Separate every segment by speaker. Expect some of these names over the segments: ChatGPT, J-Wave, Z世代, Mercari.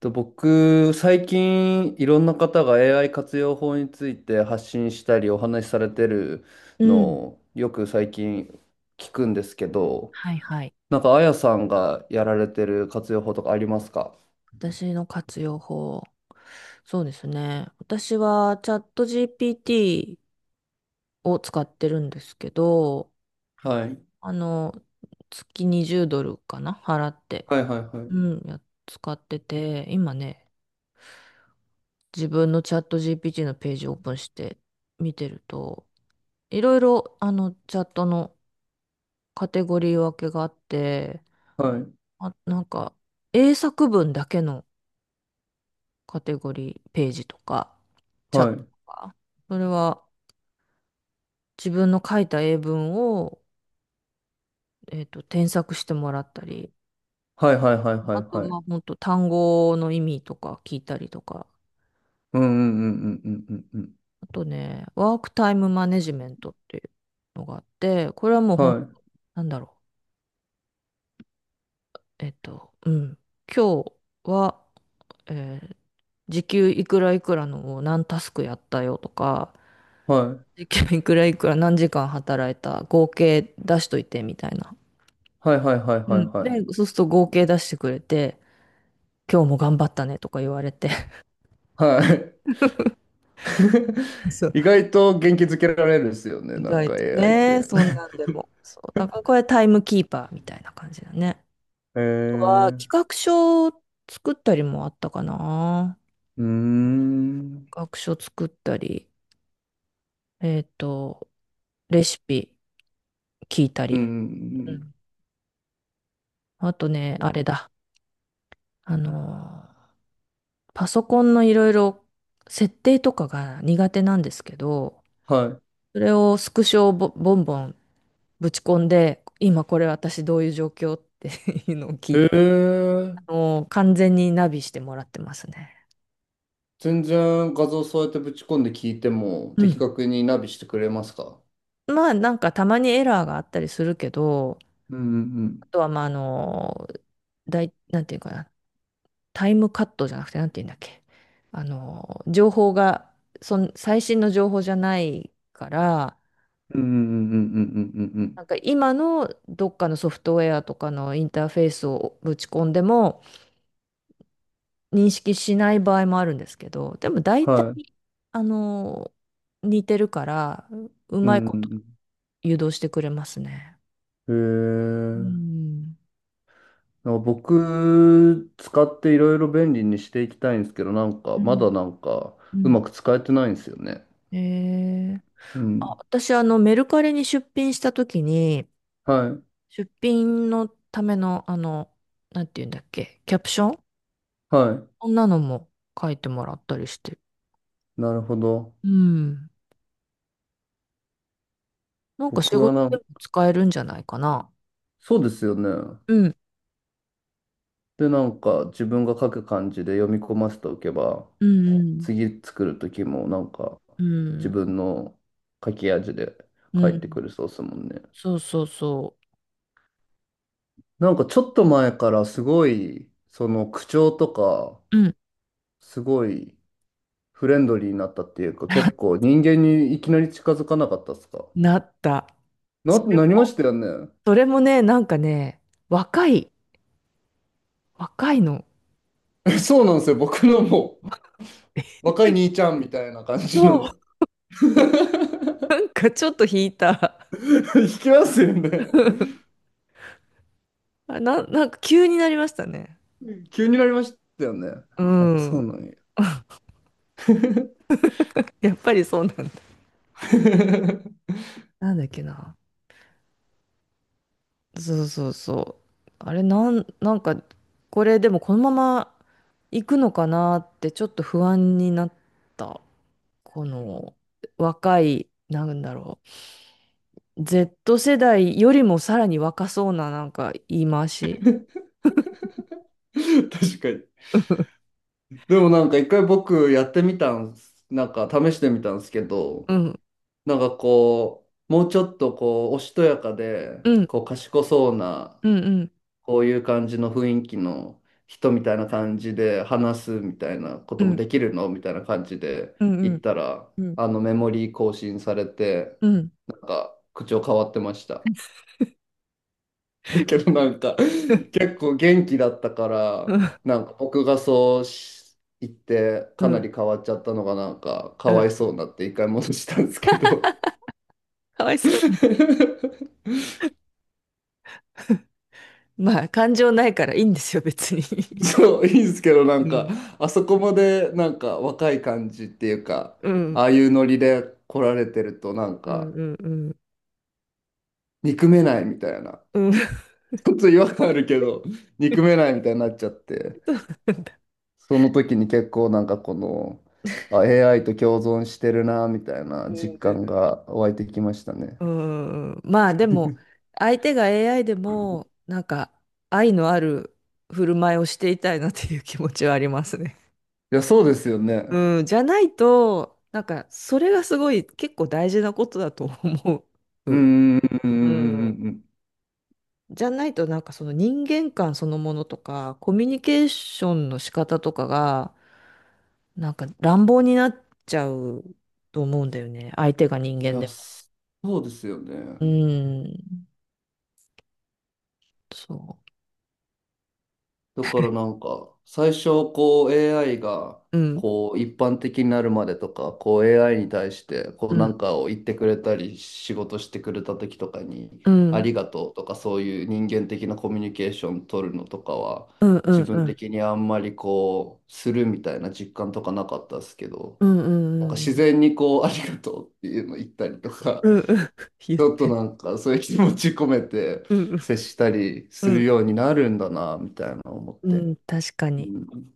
Speaker 1: と僕、最近いろんな方が AI 活用法について発信したりお話しされてる
Speaker 2: う
Speaker 1: の
Speaker 2: ん。
Speaker 1: をよく最近聞くんですけど、
Speaker 2: はいはい。
Speaker 1: なんかあやさんがやられてる活用法とかありますか？
Speaker 2: 私の活用法。そうですね。私はチャット GPT を使ってるんですけど、
Speaker 1: はい。
Speaker 2: あの、月20ドルかな払って。
Speaker 1: はいはいは
Speaker 2: う
Speaker 1: い
Speaker 2: ん、や使ってて、今ね、自分のチャット GPT のページをオープンして見てると、いろいろ、チャットのカテゴリー分けがあって、
Speaker 1: はい
Speaker 2: あ、なんか、英作文だけのカテゴリー、ページとか、チャット
Speaker 1: はい
Speaker 2: とか、それは自分の書いた英文を、添削してもらったり、
Speaker 1: はいはいはいはい
Speaker 2: あと、
Speaker 1: は
Speaker 2: ま
Speaker 1: い
Speaker 2: あ、本当と単語の意味とか聞いたりとか、
Speaker 1: うんうんうんうんうんうん
Speaker 2: あとね、ワークタイムマネジメントっていうのがあって、これはもう
Speaker 1: う
Speaker 2: ほん、
Speaker 1: ん
Speaker 2: なんだろう、今日は、えー時給いくらいくらのを何タスクやったよとか、
Speaker 1: は
Speaker 2: 時給いくらいくら何時間働いた合計出しといてみたいな。
Speaker 1: いはいはいはい
Speaker 2: う
Speaker 1: はい
Speaker 2: ん。
Speaker 1: は
Speaker 2: で、
Speaker 1: い
Speaker 2: そうすると合計出してくれて、今日も頑張ったねとか言われて。
Speaker 1: はいはい
Speaker 2: そ う。
Speaker 1: 意外と元気づけられるですよね
Speaker 2: 意
Speaker 1: なん
Speaker 2: 外
Speaker 1: か
Speaker 2: と
Speaker 1: AI っ
Speaker 2: ね、
Speaker 1: て。
Speaker 2: そんなんでも。そう。だからこれタイムキーパーみたいな感じだね。
Speaker 1: へ
Speaker 2: あとは、企
Speaker 1: え
Speaker 2: 画書を作ったりもあったかな。
Speaker 1: うーん。
Speaker 2: 企画書作ったり、えっと、レシピ聞いた
Speaker 1: う
Speaker 2: り。う
Speaker 1: ん。
Speaker 2: ん。あとね、あれだ。あのー、パソコンのいろいろ設定とかが苦手なんですけど、
Speaker 1: は
Speaker 2: それをスクショをボボンボンぶち込んで、今これ私どういう状況って いうのを聞
Speaker 1: い。
Speaker 2: い
Speaker 1: へ
Speaker 2: て、
Speaker 1: え。
Speaker 2: 完全にナビしてもらってますね。
Speaker 1: 全然画像そうやってぶち込んで聞いても
Speaker 2: う
Speaker 1: 的
Speaker 2: ん。
Speaker 1: 確にナビしてくれますか？
Speaker 2: まあなんかたまにエラーがあったりするけど、
Speaker 1: うんう
Speaker 2: あ
Speaker 1: ん
Speaker 2: とはまあなんていうかな、タイムカットじゃなくてなんていうんだっけ。情報が、最新の情報じゃないから、
Speaker 1: うんうんうんうんうんうんうん
Speaker 2: なんか今のどっかのソフトウェアとかのインターフェースをぶち込んでも、認識しない場合もあるんですけど、でも大体、
Speaker 1: はい。
Speaker 2: あの、似てるから、う
Speaker 1: う
Speaker 2: まい
Speaker 1: んう
Speaker 2: こと
Speaker 1: ん
Speaker 2: 誘導してくれますね。
Speaker 1: う
Speaker 2: う
Speaker 1: んへえ。
Speaker 2: ん。
Speaker 1: なんか僕、使っていろいろ便利にしていきたいんですけど、なんか、
Speaker 2: う
Speaker 1: ま
Speaker 2: ん、
Speaker 1: だなんか、
Speaker 2: う
Speaker 1: う
Speaker 2: ん、
Speaker 1: まく使えてないんですよね。
Speaker 2: えー、
Speaker 1: う
Speaker 2: あ、
Speaker 1: ん。
Speaker 2: 私、メルカリに出品したときに、
Speaker 1: はい。
Speaker 2: 出品のための、なんて言うんだっけ、キャプション
Speaker 1: はい。
Speaker 2: こんなのも書いてもらったりして。
Speaker 1: なるほど。
Speaker 2: うん。なんか仕
Speaker 1: 僕は
Speaker 2: 事
Speaker 1: な
Speaker 2: で
Speaker 1: ん
Speaker 2: も使えるんじゃないかな。
Speaker 1: そうですよね。
Speaker 2: うん。
Speaker 1: で、なんか自分が書く感じで読み込ませておけば、
Speaker 2: うん、
Speaker 1: 次作る時もなんか
Speaker 2: う
Speaker 1: 自
Speaker 2: ん。
Speaker 1: 分の書き味で
Speaker 2: う
Speaker 1: 書
Speaker 2: ん。う
Speaker 1: いてく
Speaker 2: ん。
Speaker 1: るそうですもんね。
Speaker 2: そうそうそう。
Speaker 1: なんかちょっと前からすごい、その口調とか、
Speaker 2: うん。
Speaker 1: すごいフレンドリーになったっていうか、結 構人間にいきなり近づかなかったっすか？
Speaker 2: なった。それ
Speaker 1: なりま
Speaker 2: も、
Speaker 1: したよね。
Speaker 2: それもね、なんかね、若い、若いの。
Speaker 1: えそうなんですよ。僕のもう若い兄ちゃんみたいな感じ
Speaker 2: そう。な
Speaker 1: の。
Speaker 2: んかちょっと引いた。
Speaker 1: 引きますよね。
Speaker 2: なんか急になりましたね。
Speaker 1: うん、急になりましたよね。
Speaker 2: う
Speaker 1: やっぱそう
Speaker 2: ん。
Speaker 1: なんや。
Speaker 2: やっぱりそうなんだ。
Speaker 1: 確
Speaker 2: なんだっけな。そうそうそう。あれ、なんか、これでもこのまま行くのかなってちょっと不安になった。この若い、なんだろう。Z 世代よりもさらに若そうななんか言い回し。
Speaker 1: かに。
Speaker 2: うん、
Speaker 1: でもなんか一回僕やってみたんす、なんか試してみたんですけど、
Speaker 2: うん、
Speaker 1: なんかこう、もうちょっとこう、おしとやかで、
Speaker 2: うん、
Speaker 1: こう、賢そうな、
Speaker 2: うん、うん、
Speaker 1: こういう感じの雰囲気の人みたいな感じで話すみたいなこ
Speaker 2: う
Speaker 1: とも
Speaker 2: ん、
Speaker 1: できるのみたいな感じで
Speaker 2: うん、う
Speaker 1: 言っ
Speaker 2: ん、
Speaker 1: たら、
Speaker 2: うん、
Speaker 1: あのメモリー更新されて、
Speaker 2: うん、
Speaker 1: なんか口調変わってました。だけどなんか結構元気だったからなんか僕がそうし言って
Speaker 2: う
Speaker 1: かな
Speaker 2: ん、
Speaker 1: り変わっちゃったのがなんかかわいそうになって一回戻したんですけど。
Speaker 2: かわいそう。まあ、感情ないからいいんですよ、別に。
Speaker 1: そういいんですけどなん
Speaker 2: う
Speaker 1: か
Speaker 2: ん、
Speaker 1: あそこまでなんか若い感じっていうか
Speaker 2: うん、
Speaker 1: ああいうノリで来られてるとなん
Speaker 2: うん、
Speaker 1: か
Speaker 2: うん、うん、
Speaker 1: 憎めないみたいな、
Speaker 2: うん。
Speaker 1: ちょっと違和感あるけど憎めないみたいになっちゃって。
Speaker 2: そうなんだ。
Speaker 1: その時に結構なんかこの、あ、AI と共存してるな、みたいな実感が湧いてきましたね。
Speaker 2: うん、うん、まあ、でも、相手が AI でも、なんか、愛のある振る舞いをしていたいなっていう気持ちはありますね。
Speaker 1: いや、そうですよね。
Speaker 2: うん、じゃないと、なんか、それがすごい、結構大事なことだと思
Speaker 1: うん、うん、うん、うん、う
Speaker 2: う。う
Speaker 1: ん。
Speaker 2: ん。
Speaker 1: うんうん
Speaker 2: じゃないとなんかその人間観そのものとか、コミュニケーションの仕方とかが、なんか乱暴になっちゃうと思うんだよね。相手が人
Speaker 1: い
Speaker 2: 間
Speaker 1: や、
Speaker 2: でも。
Speaker 1: そうですよね。
Speaker 2: うん。そ
Speaker 1: だからなんか、最初こう AI が
Speaker 2: う。うん。
Speaker 1: こう一般的になるまでとか、こう AI に対してこ
Speaker 2: う
Speaker 1: うな
Speaker 2: ん。
Speaker 1: んかを言ってくれたり、仕事してくれた時とかに、
Speaker 2: う
Speaker 1: あ
Speaker 2: ん。
Speaker 1: りがとうとかそういう人間的なコミュニケーション取るのとかは、
Speaker 2: うん。う
Speaker 1: 自
Speaker 2: ん。う
Speaker 1: 分
Speaker 2: ん。
Speaker 1: 的にあんまりこう、するみたいな実感とかなかったですけど、
Speaker 2: うん。う
Speaker 1: なん
Speaker 2: ん。う
Speaker 1: か
Speaker 2: んう
Speaker 1: 自
Speaker 2: ん
Speaker 1: 然にこう、ありがとうっていうの言ったりとか、
Speaker 2: 言っ
Speaker 1: ちょっ
Speaker 2: て
Speaker 1: と
Speaker 2: る。
Speaker 1: なんかそういう気持ち込めて
Speaker 2: うん。
Speaker 1: 接したり
Speaker 2: う
Speaker 1: する
Speaker 2: ん。
Speaker 1: ようになるんだな、みたいな思っ
Speaker 2: う
Speaker 1: て。
Speaker 2: ん。確か
Speaker 1: う
Speaker 2: に。
Speaker 1: ん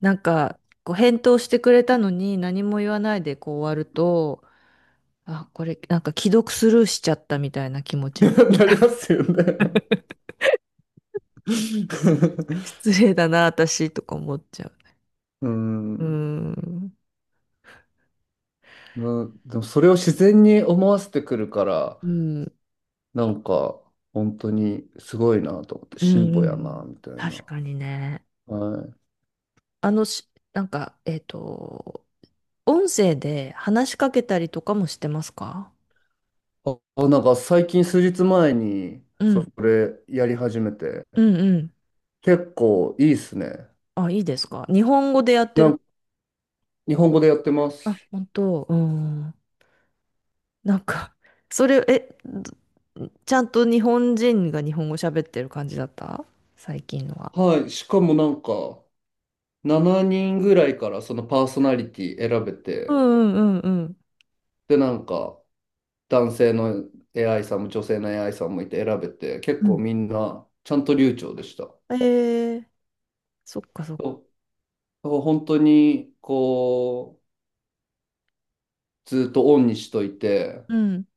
Speaker 2: なんか、こう返答してくれたのに何も言わないでこう終わると、あ、これなんか既読スルーしちゃったみたいな気持 ちに。
Speaker 1: なりますよね。
Speaker 2: 失礼だな、私とか思っちゃう。
Speaker 1: う
Speaker 2: うー
Speaker 1: ん。
Speaker 2: ん。
Speaker 1: でもそれを自然に思わせてくるから、
Speaker 2: うん。
Speaker 1: なんか、本当にすごいなと思って、
Speaker 2: うんう
Speaker 1: 進歩
Speaker 2: んう
Speaker 1: やな、
Speaker 2: ん。
Speaker 1: みたいな。
Speaker 2: 確かにね。
Speaker 1: はい。
Speaker 2: あのし、なんか、音声で話しかけたりとかもしてますか？
Speaker 1: あ、なんか最近数日前に、
Speaker 2: う
Speaker 1: そ
Speaker 2: ん。
Speaker 1: れやり始めて、
Speaker 2: うんうん。
Speaker 1: 結構いいっすね。
Speaker 2: あ、いいですか？日本語でやって
Speaker 1: な
Speaker 2: る。
Speaker 1: んか、日本語でやってます。
Speaker 2: あ、本当。うん。なんか、それ、ちゃんと日本人が日本語喋ってる感じだった最近のは。
Speaker 1: はい。しかもなんか、7人ぐらいからそのパーソナリティ選べ
Speaker 2: う
Speaker 1: て、
Speaker 2: んうんうん
Speaker 1: で、なんか、男性の AI さんも女性の AI さんもいて選べて、結
Speaker 2: う
Speaker 1: 構
Speaker 2: ん。
Speaker 1: みんなちゃんと流暢でした。
Speaker 2: うん。そっかそっか。
Speaker 1: と本当に、こう、ずっとオンにしといて、
Speaker 2: うん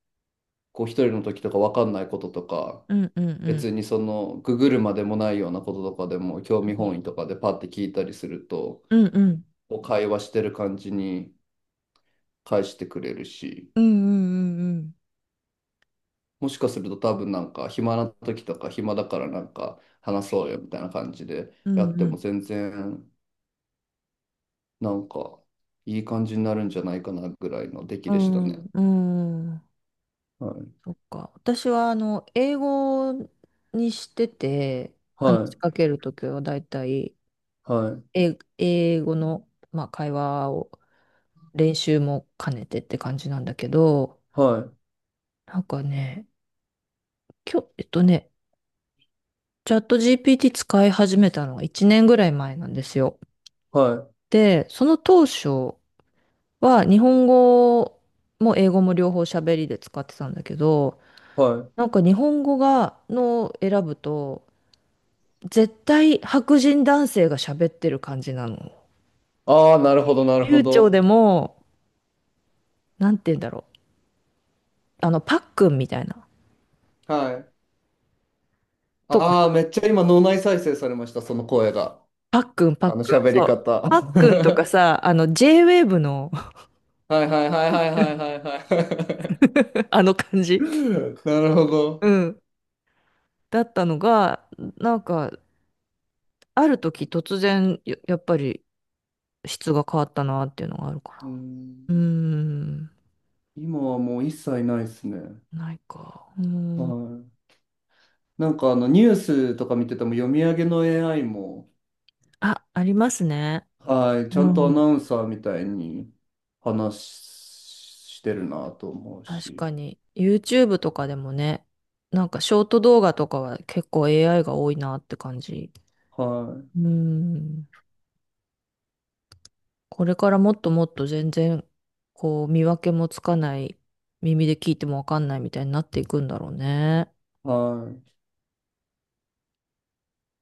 Speaker 1: こう、一人の時とか分かんないこととか、
Speaker 2: うんうんうん
Speaker 1: 別にその、ググるまでもないようなこととかでも、興味本位とかでパッて聞いたりすると、
Speaker 2: うんうん
Speaker 1: こう会話してる感じに返してくれるし、
Speaker 2: うんうん
Speaker 1: もしかすると多分なんか、暇な時とか、暇だからなんか、話そうよみたいな感じで
Speaker 2: う
Speaker 1: や
Speaker 2: んう
Speaker 1: っ
Speaker 2: ん
Speaker 1: ても
Speaker 2: う
Speaker 1: 全然、なんか、いい感じになるんじゃないかなぐらいの出来でしたね。
Speaker 2: んうん
Speaker 1: はい。
Speaker 2: そっか私は英語にしてて話
Speaker 1: は
Speaker 2: し
Speaker 1: い。
Speaker 2: かけるときはだいたい
Speaker 1: はい。
Speaker 2: 英語の、まあ、会話を練習も兼ねてって感じなんだけど
Speaker 1: はい。
Speaker 2: なんかね今日チャット GPT 使い始めたのが1年ぐらい前なんですよ。
Speaker 1: は
Speaker 2: でその当初は日本語も英語も両方喋りで使ってたんだけど、
Speaker 1: い。はい。
Speaker 2: なんか日本語が、の選ぶと、絶対白人男性が喋ってる感じなの。
Speaker 1: ああ、なるほど、なるほ
Speaker 2: 流暢で
Speaker 1: ど。
Speaker 2: も、なんて言うんだろう。パックンみたいな。
Speaker 1: はい。
Speaker 2: とか、
Speaker 1: ああ、めっちゃ今脳内再生されました、その声が。
Speaker 2: パックン、パッ
Speaker 1: あの
Speaker 2: クン。
Speaker 1: 喋り
Speaker 2: そう。
Speaker 1: 方。
Speaker 2: パックンとかさ、J-Wave の
Speaker 1: いはいはいはいはいは いは
Speaker 2: あの感じ。
Speaker 1: なるほ
Speaker 2: う
Speaker 1: ど。
Speaker 2: ん。だったのが、なんか、ある時突然、やっぱり質が変わったなっていうのがあるか
Speaker 1: う
Speaker 2: ら。
Speaker 1: ん、
Speaker 2: うーん。
Speaker 1: 今はもう一切ないですね。
Speaker 2: ないか。う
Speaker 1: は
Speaker 2: ん。
Speaker 1: い。なんかあのニュースとか見てても読み上げの AI も、
Speaker 2: あ、ありますね。
Speaker 1: はい、ち
Speaker 2: う
Speaker 1: ゃんとアナ
Speaker 2: ん。
Speaker 1: ウンサーみたいに話してるなと思う
Speaker 2: 確か
Speaker 1: し、
Speaker 2: に。YouTube とかでもね、なんかショート動画とかは結構 AI が多いなって感じ。
Speaker 1: は
Speaker 2: うん。これからもっともっと全然、こう、見分けもつかない、耳で聞いてもわかんないみたいになっていくんだろうね。
Speaker 1: い、はい、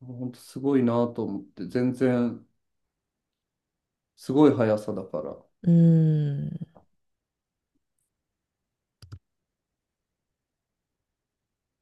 Speaker 1: 本当すごいなと思って、全然すごい速さだから。
Speaker 2: うん。